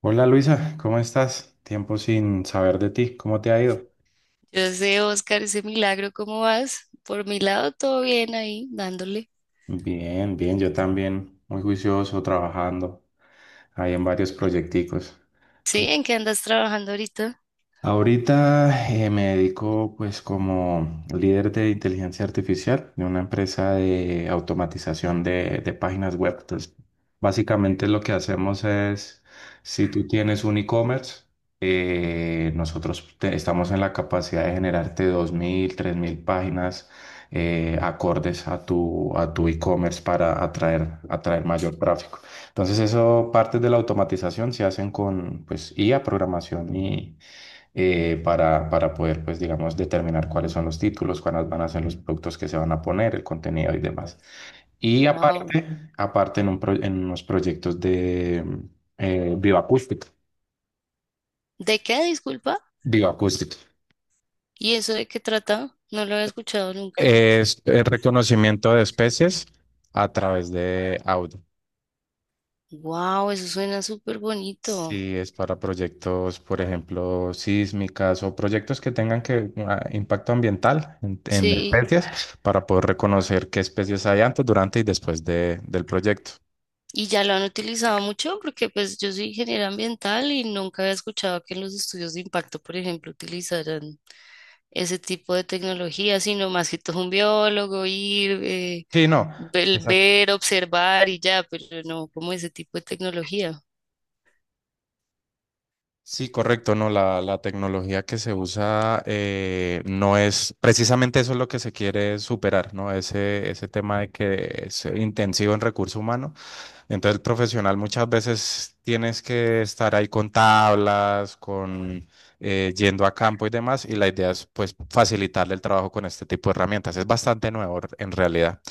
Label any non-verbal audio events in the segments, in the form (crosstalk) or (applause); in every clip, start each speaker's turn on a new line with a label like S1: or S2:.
S1: Hola Luisa, ¿cómo estás? Tiempo sin saber de ti, ¿cómo te ha ido?
S2: Yo sé, Oscar, ese milagro, ¿cómo vas? Por mi lado, todo bien ahí, dándole.
S1: Bien, bien, yo también, muy juicioso, trabajando ahí en varios proyecticos.
S2: Sí, ¿en qué andas trabajando ahorita?
S1: Ahorita me dedico, pues, como líder de inteligencia artificial de una empresa de automatización de páginas web. Entonces, básicamente lo que hacemos es, si tú tienes un e-commerce, estamos en la capacidad de generarte dos mil, tres mil páginas acordes a a tu e-commerce para atraer mayor tráfico. Entonces, eso, partes de la automatización se hacen con, pues, IA, programación y para poder, pues, digamos, determinar cuáles son los títulos, cuáles van a ser los productos que se van a poner, el contenido y demás. Y
S2: Wow.
S1: aparte, aparte en, en unos proyectos de bioacústica.
S2: ¿De qué, disculpa?
S1: Bioacústica.
S2: ¿Y eso de qué trata? No lo había escuchado nunca.
S1: Es el reconocimiento de especies a través de audio.
S2: Wow, eso suena súper bonito.
S1: Si es para proyectos, por ejemplo, sísmicas o proyectos que tengan que impacto ambiental en
S2: Sí.
S1: especies, para poder reconocer qué especies hay antes, durante y después del proyecto.
S2: ¿Y ya lo han utilizado mucho? Porque pues yo soy ingeniera ambiental y nunca había escuchado que en los estudios de impacto, por ejemplo, utilizaran ese tipo de tecnología, sino más que todo un biólogo ir,
S1: Sí, no,
S2: el
S1: exacto.
S2: ver, observar y ya, pero no como ese tipo de tecnología.
S1: Sí, correcto, no, la tecnología que se usa, no es, precisamente eso es lo que se quiere superar, ¿no? Ese tema de que es intensivo en recurso humano. Entonces, el profesional muchas veces tienes que estar ahí con tablas, con yendo a campo y demás, y la idea es, pues, facilitarle el trabajo con este tipo de herramientas. Es bastante nuevo en realidad.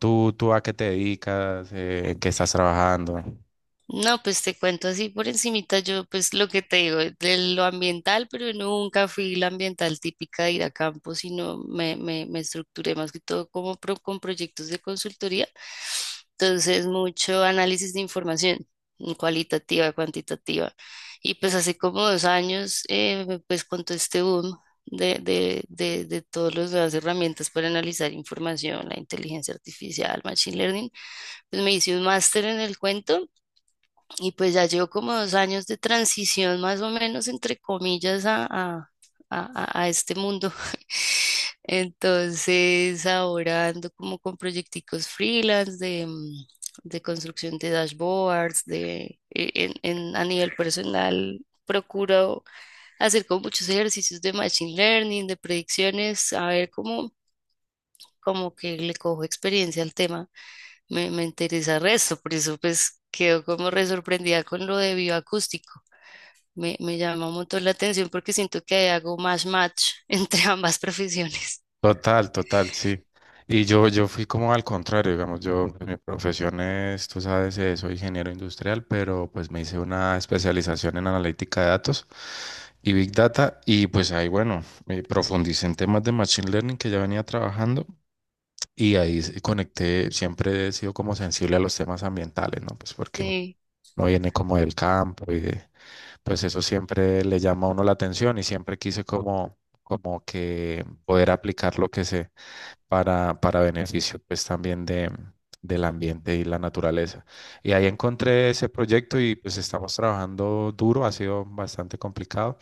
S1: ¿Tú, tú a qué te dedicas? ¿En qué estás trabajando?
S2: No, pues te cuento así por encimita, yo pues lo que te digo, de lo ambiental, pero nunca fui la ambiental típica de ir a campo, sino me estructuré más que todo como con proyectos de consultoría. Entonces, mucho análisis de información, mm, cualitativa, cuantitativa. Y pues hace como dos años, pues con todo este boom de todas las nuevas herramientas para analizar información, la inteligencia artificial, machine learning, pues me hice un máster en el cuento y pues ya llevo como dos años de transición, más o menos, entre comillas, a este mundo. (laughs) Entonces, ahora ando como con proyecticos freelance de, mm, de construcción de dashboards, de, e- en- a nivel personal, procuro hacer como muchos ejercicios de machine learning, de predicciones, a ver cómo como que le cojo experiencia al tema, me interesa el resto, por eso pues quedo como re sorprendida con lo de bioacústico. Me llama un montón la atención porque siento que ahí hago más match (laughs) entre ambas profesiones.
S1: Total, total, sí. Y yo fui como al contrario, digamos, yo, pues, mi profesión es, tú sabes, soy ingeniero industrial, pero pues me hice una especialización en analítica de datos y Big Data, y pues ahí, bueno, me profundicé en temas de Machine Learning que ya venía trabajando, y ahí conecté. Siempre he sido como sensible a los temas ambientales, ¿no? Pues porque uno
S2: Sí,
S1: uno viene como del campo y de, pues eso siempre le llama a uno la atención, y siempre quise como, como que poder aplicar lo que sé para beneficio, pues, también de, del ambiente y la naturaleza. Y ahí encontré ese proyecto, y pues estamos trabajando duro, ha sido bastante complicado,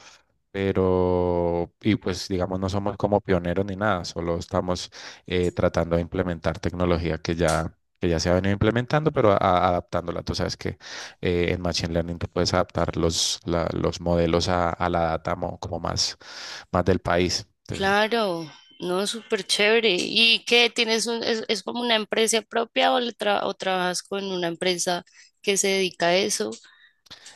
S1: pero, y pues, digamos, no somos como pioneros ni nada, solo estamos tratando de implementar tecnología que ya se ha venido implementando, pero adaptándola. Tú sabes que en Machine Learning tú puedes adaptar los, los modelos a la data como más, más del país.
S2: claro, no, súper chévere. ¿Y qué tienes un, es como una empresa propia o, o trabajas con una empresa que se dedica a eso?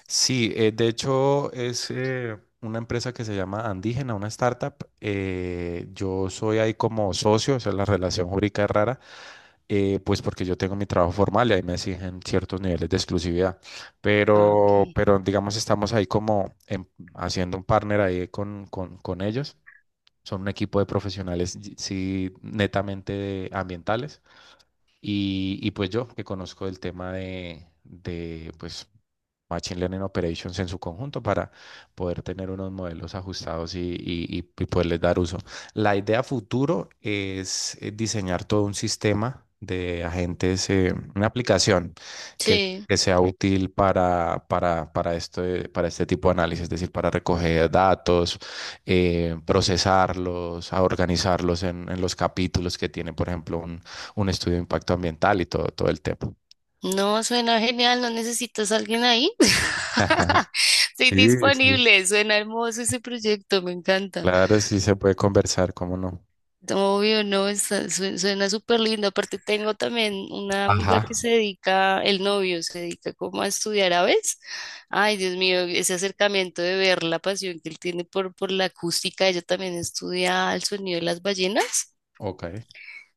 S1: Sí, de hecho es una empresa que se llama Andígena, una startup. Yo soy ahí como socio, o sea, la relación jurídica es rara, pues porque yo tengo mi trabajo formal y ahí me exigen ciertos niveles de exclusividad.
S2: Ah, ok.
S1: Pero, digamos, estamos ahí como haciendo un partner ahí con ellos. Son un equipo de profesionales, sí, netamente ambientales. Y pues yo, que conozco el tema de, pues, Machine Learning Operations en su conjunto, para poder tener unos modelos ajustados y, y poderles dar uso. La idea futuro es diseñar todo un sistema de agentes, una aplicación que,
S2: Sí.
S1: que sea útil para este tipo de análisis, es decir, para recoger datos, procesarlos, a organizarlos en los capítulos que tiene, por ejemplo, un estudio de impacto ambiental y todo, todo el tema.
S2: No, suena genial, ¿no necesitas a alguien ahí?
S1: (laughs)
S2: (laughs) Estoy
S1: Sí, sí.
S2: disponible, suena hermoso ese proyecto, me encanta.
S1: Claro, sí se puede conversar, ¿cómo no?
S2: Obvio, no, suena súper lindo. Aparte tengo también una amiga que
S1: Ajá,
S2: se dedica, el novio se dedica como a estudiar aves. Ay, Dios mío, ese acercamiento de ver la pasión que él tiene por la acústica, ella también estudia el sonido de las ballenas.
S1: ok.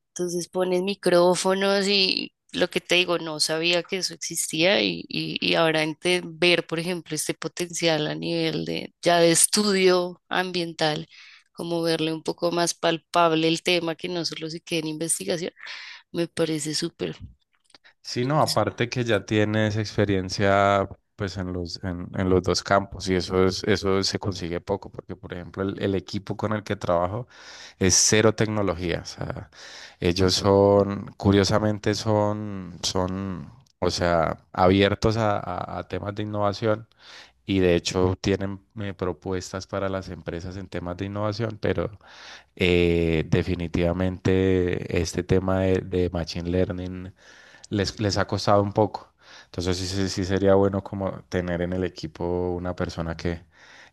S2: Entonces pones micrófonos y lo que te digo, no sabía que eso existía y ver, por ejemplo, este potencial a nivel de ya de estudio ambiental, como verle un poco más palpable el tema que no solo se quede en investigación, me parece súper.
S1: Sí, no, aparte que ya tienes experiencia, pues, en los dos campos, y eso es, eso se consigue poco, porque por ejemplo el equipo con el que trabajo es cero tecnología. O sea, ellos son, curiosamente son, son, o sea, abiertos a, a temas de innovación, y de hecho tienen propuestas para las empresas en temas de innovación, pero definitivamente este tema de Machine Learning les, les ha costado un poco. Entonces sí, sí, sí sería bueno como tener en el equipo una persona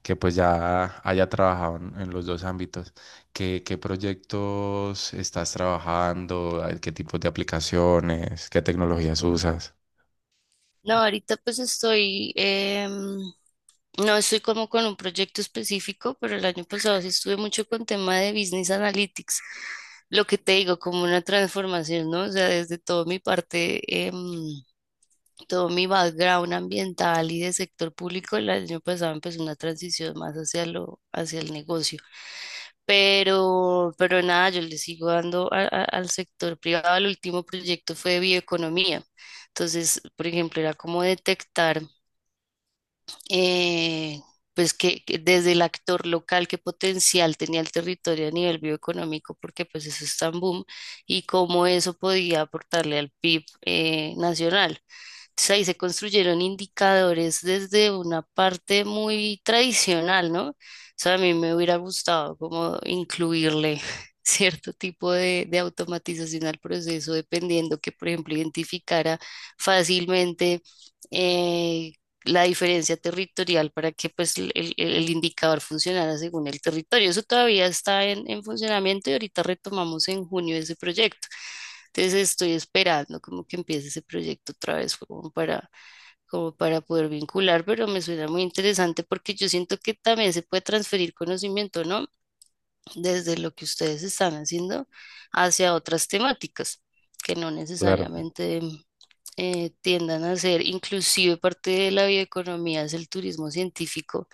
S1: que pues ya haya trabajado en los dos ámbitos. ¿Qué, qué proyectos estás trabajando? ¿Hay- ¿qué tipos de aplicaciones? ¿Qué tecnologías usas?
S2: No, ahorita pues estoy, no estoy como con un proyecto específico, pero el año pasado sí estuve mucho con tema de Business Analytics. Lo que te digo, como una transformación, ¿no? O sea, desde todo mi parte, todo mi background ambiental y de sector público, el año pasado empezó una transición más hacia lo, hacia el negocio. Pero nada, yo le sigo dando al sector privado. El último proyecto fue de bioeconomía. Entonces, por ejemplo, era como detectar eh, pues que desde el actor local, qué potencial tenía el territorio a nivel bioeconómico, porque pues eso es tan boom, y cómo eso podía aportarle al PIB, nacional. Entonces ahí se construyeron indicadores desde una parte muy tradicional, ¿no? O sea, a mí me hubiera gustado como incluirle (laughs) cierto tipo de automatización al proceso, dependiendo que, por ejemplo, identificara fácilmente, eh, la diferencia territorial para que pues el indicador funcionara según el territorio. Eso todavía está en funcionamiento y ahorita retomamos en junio ese proyecto. Entonces estoy esperando como que empiece ese proyecto otra vez como para, como para poder vincular, pero me suena muy interesante porque yo siento que también se puede transferir conocimiento, ¿no? Desde lo que ustedes están haciendo hacia otras temáticas que no
S1: Claro,
S2: necesariamente tiendan a ser inclusive parte de la bioeconomía es el turismo científico.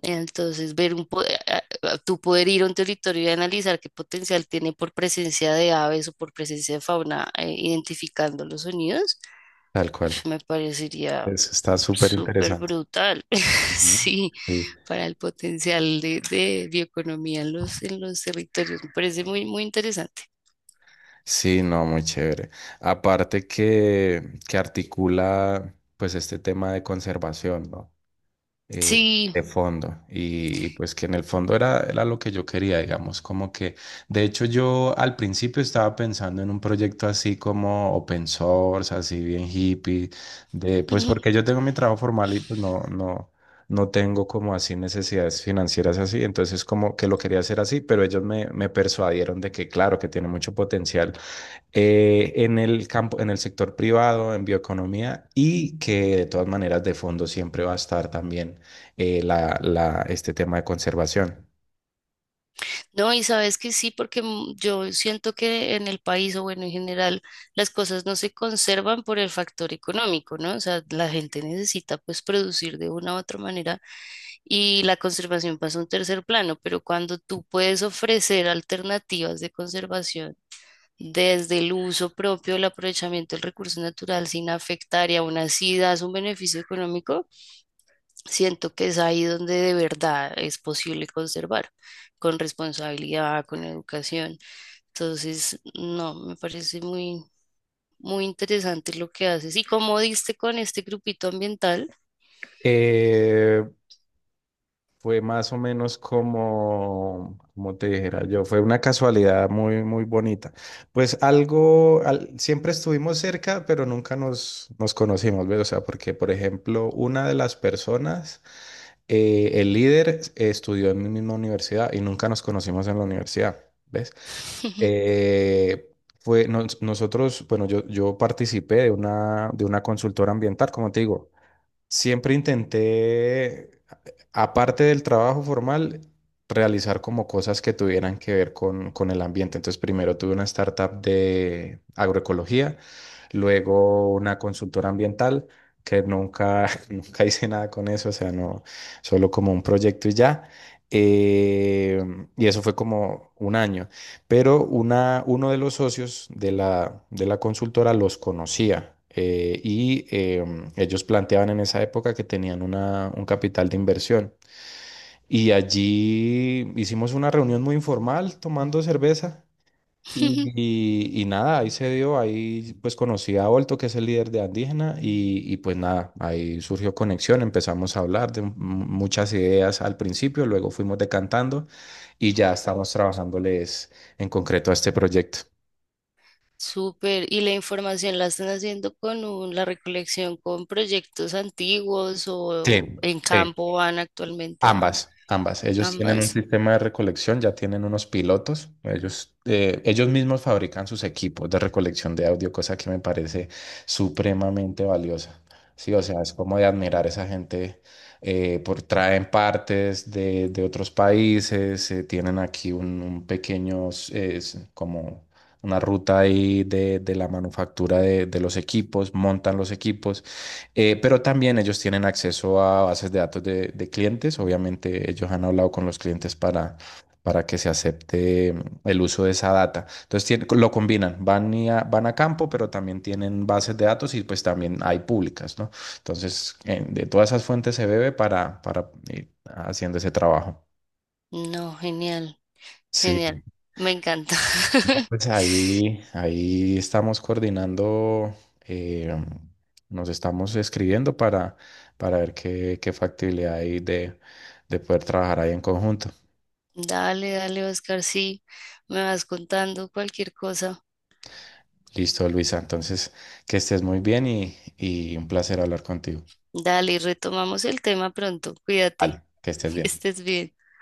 S2: Entonces, ver un, po- a- tú poder ir a un territorio y analizar qué potencial tiene por presencia de aves o por presencia de fauna, identificando los sonidos,
S1: tal
S2: (laughs)
S1: cual.
S2: uf, me parecería
S1: Eso está súper
S2: súper
S1: interesante.
S2: brutal. (laughs)
S1: Ujú.
S2: Sí,
S1: Sí.
S2: para el potencial de bioeconomía en los territorios, me parece muy, muy interesante.
S1: Sí, no, muy chévere. Aparte que articula pues este tema de conservación, ¿no? Eh,
S2: Sí.
S1: de fondo. Y, y pues, que en el fondo era, era lo que yo quería, digamos, como que, de hecho yo al principio estaba pensando en un proyecto así como open source, así bien hippie, de pues porque
S2: (laughs)
S1: yo tengo mi trabajo formal y pues no, no. No tengo como así necesidades financieras así, entonces como que lo quería hacer así, pero ellos me, me persuadieron de que claro, que tiene mucho potencial en el campo, en el sector privado, en bioeconomía, y que de todas maneras de fondo siempre va a estar también este tema de conservación.
S2: No, y sabes que sí, porque mm, yo siento que en el país, o bueno, en general, las cosas no se conservan por el factor económico, ¿no? O sea, la gente necesita pues producir de una u otra manera y la conservación pasa a un tercer plano, pero cuando tú puedes ofrecer alternativas de conservación desde el uso propio, el aprovechamiento del recurso natural sin afectar y aún así das un beneficio económico, siento que es ahí donde de verdad es posible conservar, con responsabilidad, con educación. Entonces, no, me parece muy interesante lo que haces. ¿Y como diste con este grupito ambiental?
S1: Eh, Fue más o menos como, como te dijera yo, fue una casualidad muy, muy bonita. Pues algo, siempre estuvimos cerca, pero nunca nos conocimos, ¿ves? O sea, porque, por ejemplo, una de las personas, el líder, estudió en mi misma universidad y nunca nos conocimos en la universidad, ¿ves?
S2: (laughs)
S1: Eh, nosotros, bueno, yo participé de una consultora ambiental, como te digo. Siempre intenté, aparte del trabajo formal, realizar como cosas que tuvieran que ver con el ambiente. Entonces, primero tuve una startup de agroecología, luego una consultora ambiental, que nunca, (laughs) nunca hice nada con eso, o sea, no, solo como un proyecto y ya. Eh, y eso fue como un año, pero una, uno de los socios de la consultora los conocía, ellos planteaban en esa época que tenían un capital de inversión. Y allí hicimos una reunión muy informal tomando cerveza, y nada, ahí se dio, ahí pues conocí a Olto, que es el líder de Andígena, y pues nada, ahí surgió conexión, empezamos a hablar de muchas ideas al principio, luego fuimos decantando, y ya estamos trabajándoles en concreto a este proyecto.
S2: Súper. Y la información la están haciendo con la recolección con proyectos antiguos
S1: Sí,
S2: o, en
S1: sí.
S2: campo van actualmente a
S1: Ambas, ambas. Ellos tienen un
S2: ambas.
S1: sistema de recolección, ya tienen unos pilotos. Ellos, ellos mismos fabrican sus equipos de recolección de audio, cosa que me parece supremamente valiosa. Sí, o sea, es como de admirar a esa gente, por traen partes de otros países, tienen aquí un pequeño, es como una ruta ahí de la manufactura de los equipos, montan los equipos. Pero también ellos tienen acceso a bases de datos de clientes. Obviamente ellos han hablado con los clientes para que se acepte el uso de esa data. Entonces lo combinan, van, van a campo, pero también tienen bases de datos, y pues también hay públicas, ¿no? Entonces de todas esas fuentes se bebe para ir haciendo ese trabajo.
S2: No, genial,
S1: Sí,
S2: genial. Me encanta. (laughs)
S1: pues ahí, ahí estamos coordinando, eh, nos estamos escribiendo para ver qué, qué factibilidad hay de poder trabajar ahí en conjunto.
S2: Dale, dale, Oscar, sí, me vas contando cualquier cosa.
S1: Listo, Luisa. Entonces, que estés muy bien, y un placer hablar contigo.
S2: Dale, retomamos el tema pronto. Cuídate,
S1: Vale, que estés
S2: (laughs) que
S1: bien.
S2: estés bien.